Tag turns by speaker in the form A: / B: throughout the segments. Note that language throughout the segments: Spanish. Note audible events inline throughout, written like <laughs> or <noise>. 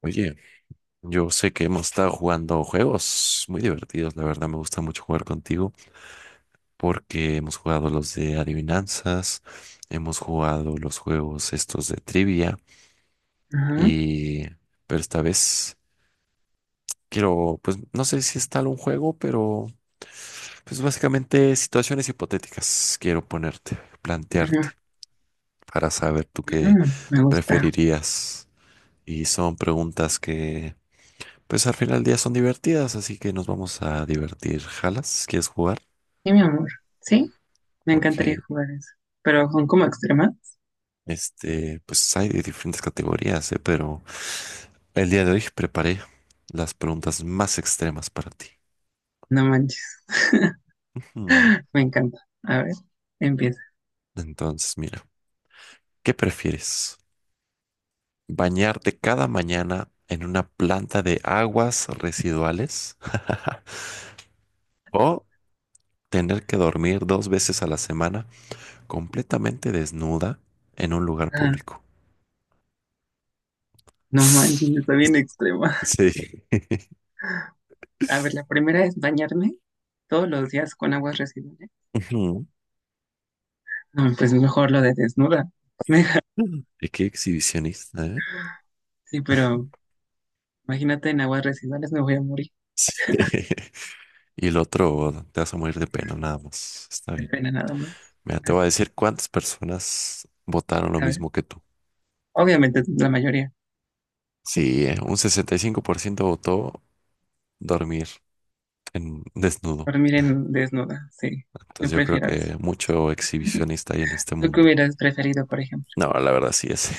A: Oye, yo sé que hemos estado jugando juegos muy divertidos, la verdad me gusta mucho jugar contigo porque hemos jugado los de adivinanzas, hemos jugado los juegos estos de trivia
B: Ajá,
A: y pero esta vez quiero, pues no sé si es tal un juego, pero pues básicamente situaciones hipotéticas quiero ponerte, plantearte
B: ajá,
A: para saber tú qué
B: ajá, me gusta.
A: preferirías, y son preguntas que Pues al final del día son divertidas, así que nos vamos a divertir. ¿Jalas? ¿Quieres jugar?
B: Sí, mi amor. Sí, me encantaría
A: Ok.
B: jugar eso. Pero son como extremas.
A: Este, pues hay de diferentes categorías, ¿eh? Pero el día de hoy preparé las preguntas más extremas para ti.
B: No manches. <laughs>
A: Ujú.
B: Me encanta. A ver, empieza.
A: Entonces, mira, ¿qué prefieres? ¿Bañarte cada mañana en una planta de aguas residuales o tener que dormir 2 veces a la semana completamente desnuda en un lugar
B: Ah,
A: público?
B: no manches, está bien
A: <sniffs>
B: extrema.
A: Sí.
B: <laughs> A ver, la primera es bañarme todos los días con aguas residuales.
A: <laughs>
B: No, pues mejor lo de desnuda. <laughs>
A: <laughs> Es que exhibicionista, ¿eh?
B: Sí, pero imagínate en aguas residuales me voy a morir.
A: <laughs> Y el otro, te vas a morir de pena, nada más. Está
B: De
A: bien.
B: pena nada más.
A: Mira, te voy a
B: Así.
A: decir cuántas personas votaron lo
B: A ver,
A: mismo que tú.
B: obviamente la mayoría.
A: Sí, un 65% votó dormir en desnudo.
B: Dormir en desnuda, sí.
A: Entonces
B: Yo
A: yo creo
B: prefiero eso.
A: que mucho exhibicionista hay en este
B: ¿Tú qué
A: mundo.
B: hubieras preferido, por ejemplo?
A: No, la verdad sí es.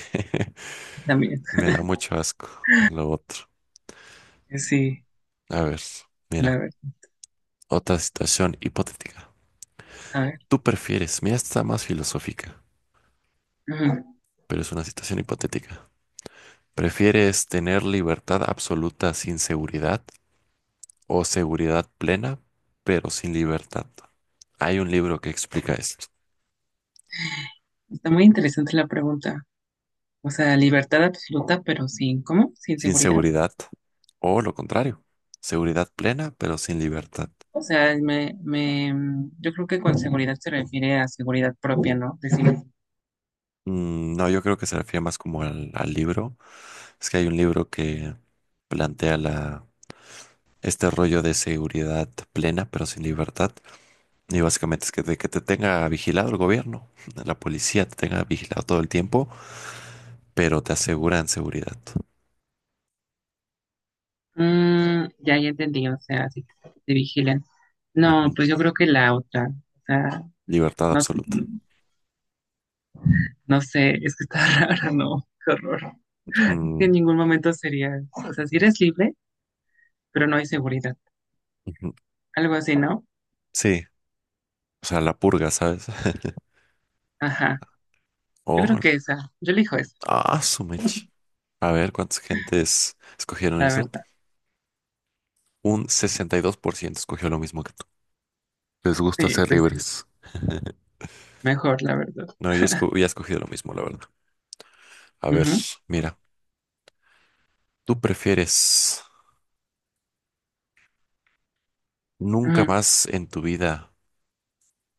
B: También.
A: <laughs> Me da mucho asco lo otro.
B: Sí,
A: A ver, mira,
B: la verdad.
A: otra situación hipotética.
B: A ver.
A: ¿Tú prefieres? Mira, esta está más filosófica,
B: Ujú.
A: pero es una situación hipotética. ¿Prefieres tener libertad absoluta sin seguridad, o seguridad plena pero sin libertad? Hay un libro que explica esto.
B: Está muy interesante la pregunta. O sea, libertad absoluta, pero sin, ¿cómo? Sin
A: Sin
B: seguridad.
A: seguridad, o lo contrario, seguridad plena pero sin libertad.
B: O sea, yo creo que con seguridad se refiere a seguridad propia, ¿no? Decir,
A: No, yo creo que se refiere más como al libro. Es que hay un libro que plantea la, este rollo de seguridad plena pero sin libertad. Y básicamente es que te, tenga vigilado el gobierno, la policía te tenga vigilado todo el tiempo, pero te aseguran seguridad.
B: ya, ya entendí, o sea, si te vigilan. No,
A: Ujú.
B: pues yo creo que la otra. O sea,
A: Libertad
B: no,
A: absoluta.
B: no sé, es que está <laughs> rara, ¿no? Qué horror. Que
A: Mm,
B: en ningún momento sería, o sea, si eres libre, pero no hay seguridad.
A: ujú.
B: Algo así, ¿no?
A: Sí, o sea, la purga, ¿sabes? <laughs>
B: Ajá. Yo creo
A: Oh,
B: que esa, yo elijo esa,
A: ah, su mecha. A ver, ¿cuántas gentes escogieron
B: la
A: eso?
B: verdad.
A: Un 62% escogió lo mismo que tú. Les gusta
B: Sí,
A: ser
B: pues sí,
A: libres.
B: mejor, la verdad.
A: No, yo hubiera escogido lo mismo, la verdad. A ver,
B: Ujú,
A: mira, ¿tú prefieres nunca
B: ujú.
A: más en tu vida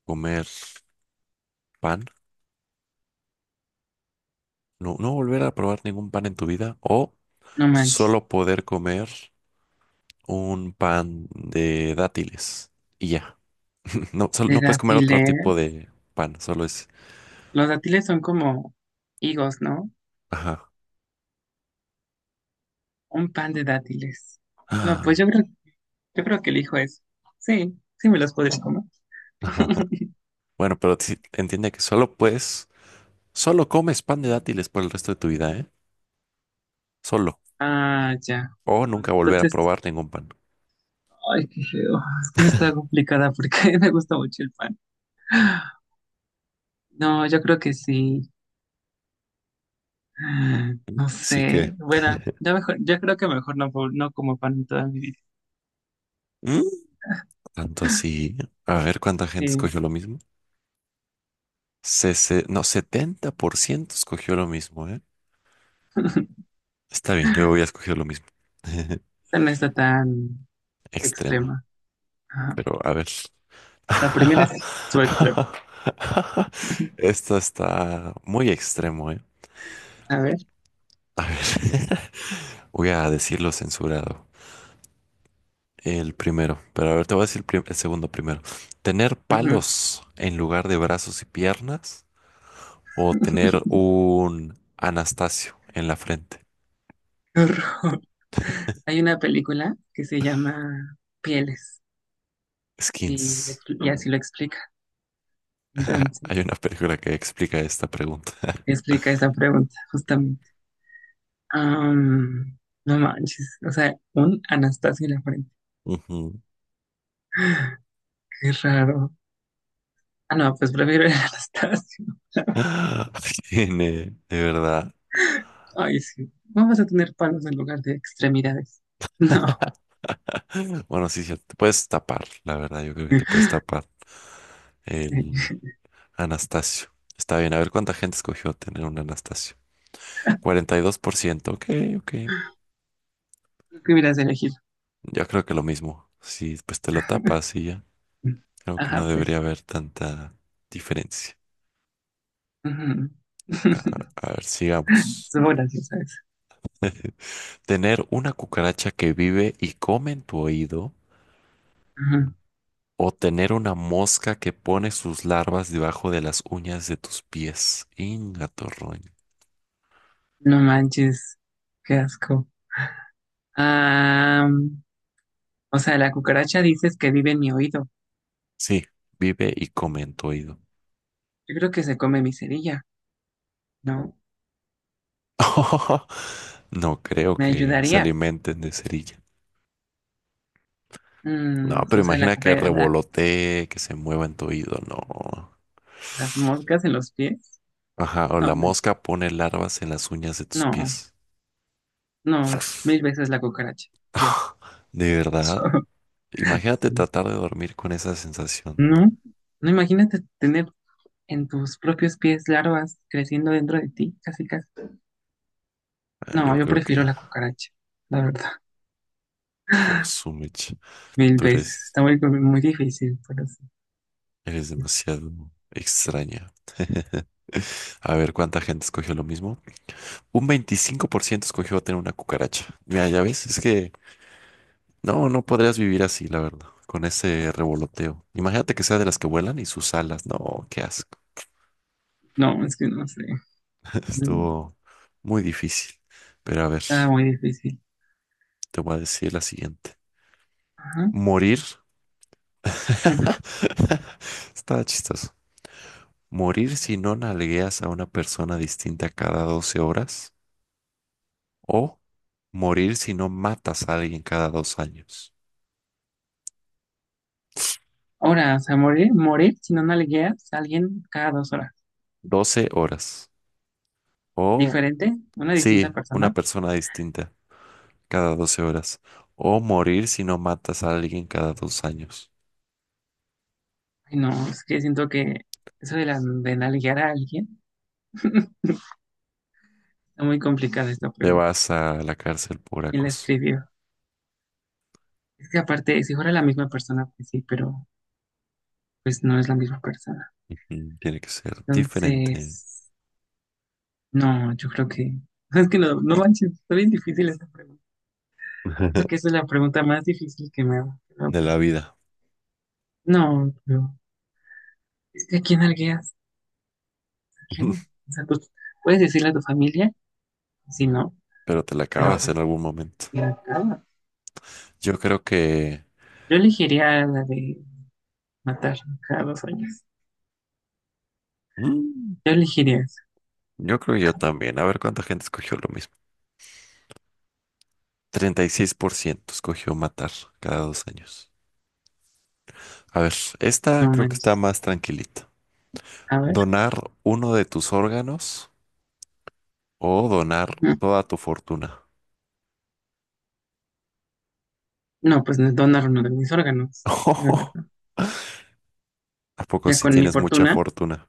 A: comer pan? No, no volver a probar ningún pan en tu vida, o
B: No manches.
A: solo poder comer un pan de dátiles y ya. <laughs> No, solo,
B: De
A: no puedes comer otro tipo
B: dátiles.
A: de pan, solo es.
B: Los dátiles son como higos, ¿no?
A: Ajá.
B: Un pan de dátiles. No, pues
A: Ah,
B: yo creo que elijo eso. Sí, sí me los podría comer.
A: ajá.
B: <laughs>
A: Bueno, pero sí, entiende que solo puedes, solo comes pan de dátiles por el resto de tu vida, ¿eh? Solo.
B: Ah, ya.
A: O
B: No,
A: nunca volver a
B: entonces,
A: probar ningún pan.
B: ay, qué feo. Es que eso está complicada porque <laughs> me gusta mucho el pan. No, yo creo que sí. Ah, no
A: Así que.
B: sé. Bueno,
A: <laughs>
B: yo mejor, yo creo que mejor no como pan en toda mi vida.
A: Mm, Tanto así. A ver cuánta gente
B: Sí,
A: escogió lo mismo. No, 70% escogió lo mismo, ¿eh?
B: <laughs>
A: Está bien, yo voy a escoger lo mismo. <laughs>
B: esta no está tan
A: Extremo.
B: extrema. Ajá.
A: Pero a ver.
B: La primera sí, su extrema.
A: <laughs> Esto está muy extremo, ¿eh?
B: A ver.
A: A ver, <laughs> voy a decirlo censurado. El primero, pero a ver, te voy a decir el segundo primero. ¿Tener
B: Ujú.
A: palos en lugar de brazos y piernas, o tener
B: <laughs>
A: un Anastasio en la frente?
B: Qué horror. Hay una película que se llama Pieles y, lo
A: Skins.
B: expli- y así lo explica.
A: <laughs>
B: Entonces,
A: Hay una película que explica esta pregunta.
B: explica esa pregunta, justamente. Am, no manches, o sea, un Anastasio en la frente.
A: <laughs> Ujú.
B: Qué raro. Ah, no, pues prefiero el <laughs> Anastasio.
A: <laughs> Tiene, de verdad.
B: Ay, sí. Vamos a tener palos en lugar de extremidades. <laughs> No,
A: Bueno, sí, sí, te puedes tapar, la verdad, yo creo que te puedes tapar
B: sí.
A: el Anastasio. Está bien, a ver cuánta gente escogió tener un Anastasio. 42%. Ok, ok.
B: ¿Tú qué hubieras elegido?
A: Yo creo que lo mismo. Si pues te lo tapas y ya. Creo que no
B: Ajá, pues.
A: debería haber tanta diferencia.
B: Ujú.
A: A,
B: <laughs>
A: a ver, sigamos.
B: Estuvo graciosa esa.
A: <laughs> Tener una cucaracha que vive y come en tu oído,
B: Ujú.
A: o tener una mosca que pone sus larvas debajo de las uñas de tus pies. Ingatorroño.
B: No manches, qué asco. Ah, o sea, la cucaracha dices que vive en mi oído.
A: Sí, vive y come en tu oído.
B: Yo creo que se come mi cerilla, ¿no?
A: <laughs> No creo
B: ¿Me
A: que se
B: ayudarías?
A: alimenten de cerilla. No,
B: Mm,
A: pero
B: o sea,
A: imagina que revolotee, que se mueva en tu oído, no.
B: las moscas en los pies.
A: Ajá, o
B: No
A: la
B: manches.
A: mosca pone larvas en las uñas de tus
B: No,
A: pies.
B: no, mil
A: <laughs>
B: veces la cucaracha. Yo. <laughs>
A: De verdad,
B: So-
A: imagínate
B: sí.
A: tratar de dormir con esa sensación.
B: No, no imagínate tener en tus propios pies larvas creciendo dentro de ti, casi casi.
A: Ah,
B: No,
A: yo
B: yo
A: creo que,
B: prefiero la cucaracha, la verdad,
A: oh, su mecha,
B: mil
A: tú
B: veces.
A: eres,
B: Está muy, muy difícil, pero sí.
A: eres demasiado extraña. <laughs> A ver, ¿cuánta gente escogió lo mismo? Un 25% escogió tener una cucaracha. Mira, ya ves, es que. No, no podrías vivir así, la verdad, con ese revoloteo. Imagínate que sea de las que vuelan y sus alas. No, qué asco.
B: No, es que no sé.
A: <laughs>
B: Mm,
A: Estuvo muy difícil. Pero a ver,
B: Está muy difícil.
A: te voy a decir la siguiente.
B: Ajá.
A: Morir.
B: Mm.
A: <laughs> Está chistoso. Morir si no nalgueas a una persona distinta cada 12 horas. O morir si no matas a alguien cada 2 años.
B: Ahora, o sea, morir, morir si no nalgueas a alguien cada 2 horas.
A: 12 horas. O
B: ¿Diferente? ¿Una distinta
A: sí, una
B: persona?
A: persona distinta cada 12 horas. O morir si no matas a alguien cada dos años.
B: Ay, no, es que siento que eso de, la, de nalguear a alguien está muy complicada esta
A: Te
B: pregunta.
A: vas a la cárcel por
B: ¿Quién la
A: acoso.
B: escribió? Es que aparte, si fuera la misma persona, pues sí, pero pues no es la misma persona.
A: Ujú. Tiene que ser diferente
B: Entonces. No, yo creo que. Es que no, no manches, está bien difícil esa pregunta. Creo que
A: <laughs>
B: esa es la pregunta más difícil que me ha.
A: de la vida,
B: No, es que a quién algueas, a quién no.
A: <laughs>
B: O sea, pues puedes decirle a tu familia, si no,
A: pero te la
B: pero
A: acabas en
B: pues.
A: algún momento.
B: Ya, ah,
A: Yo creo que.
B: yo elegiría la de matar cada 2 años.
A: mm,
B: Yo elegiría esa.
A: yo creo que yo también. A ver cuánta gente escogió lo mismo. 36% escogió matar cada 2 años. A ver, esta
B: No
A: creo que está
B: manches.
A: más tranquilita.
B: A ver.
A: ¿Donar uno de tus órganos o donar
B: No,
A: toda tu fortuna?
B: no, pues no es donar uno de mis órganos, la
A: <laughs>
B: verdad.
A: ¿A poco
B: Ya
A: si
B: con mi
A: tienes mucha
B: fortuna.
A: fortuna?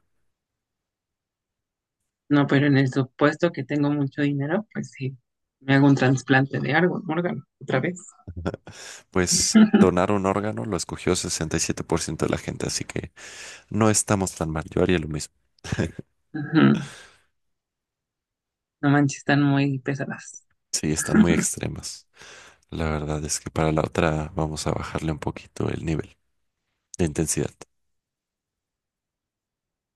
B: No, pero en el supuesto que tengo mucho dinero, pues sí, me hago un trasplante de algo, órgano, otra vez.
A: Pues
B: <laughs>
A: donar un órgano lo escogió 67% de la gente, así que no estamos tan mal. Yo haría lo mismo.
B: Ujú. No manches, están muy pesadas.
A: Sí, están muy extremas. La verdad es que para la otra vamos a bajarle un poquito el nivel de intensidad.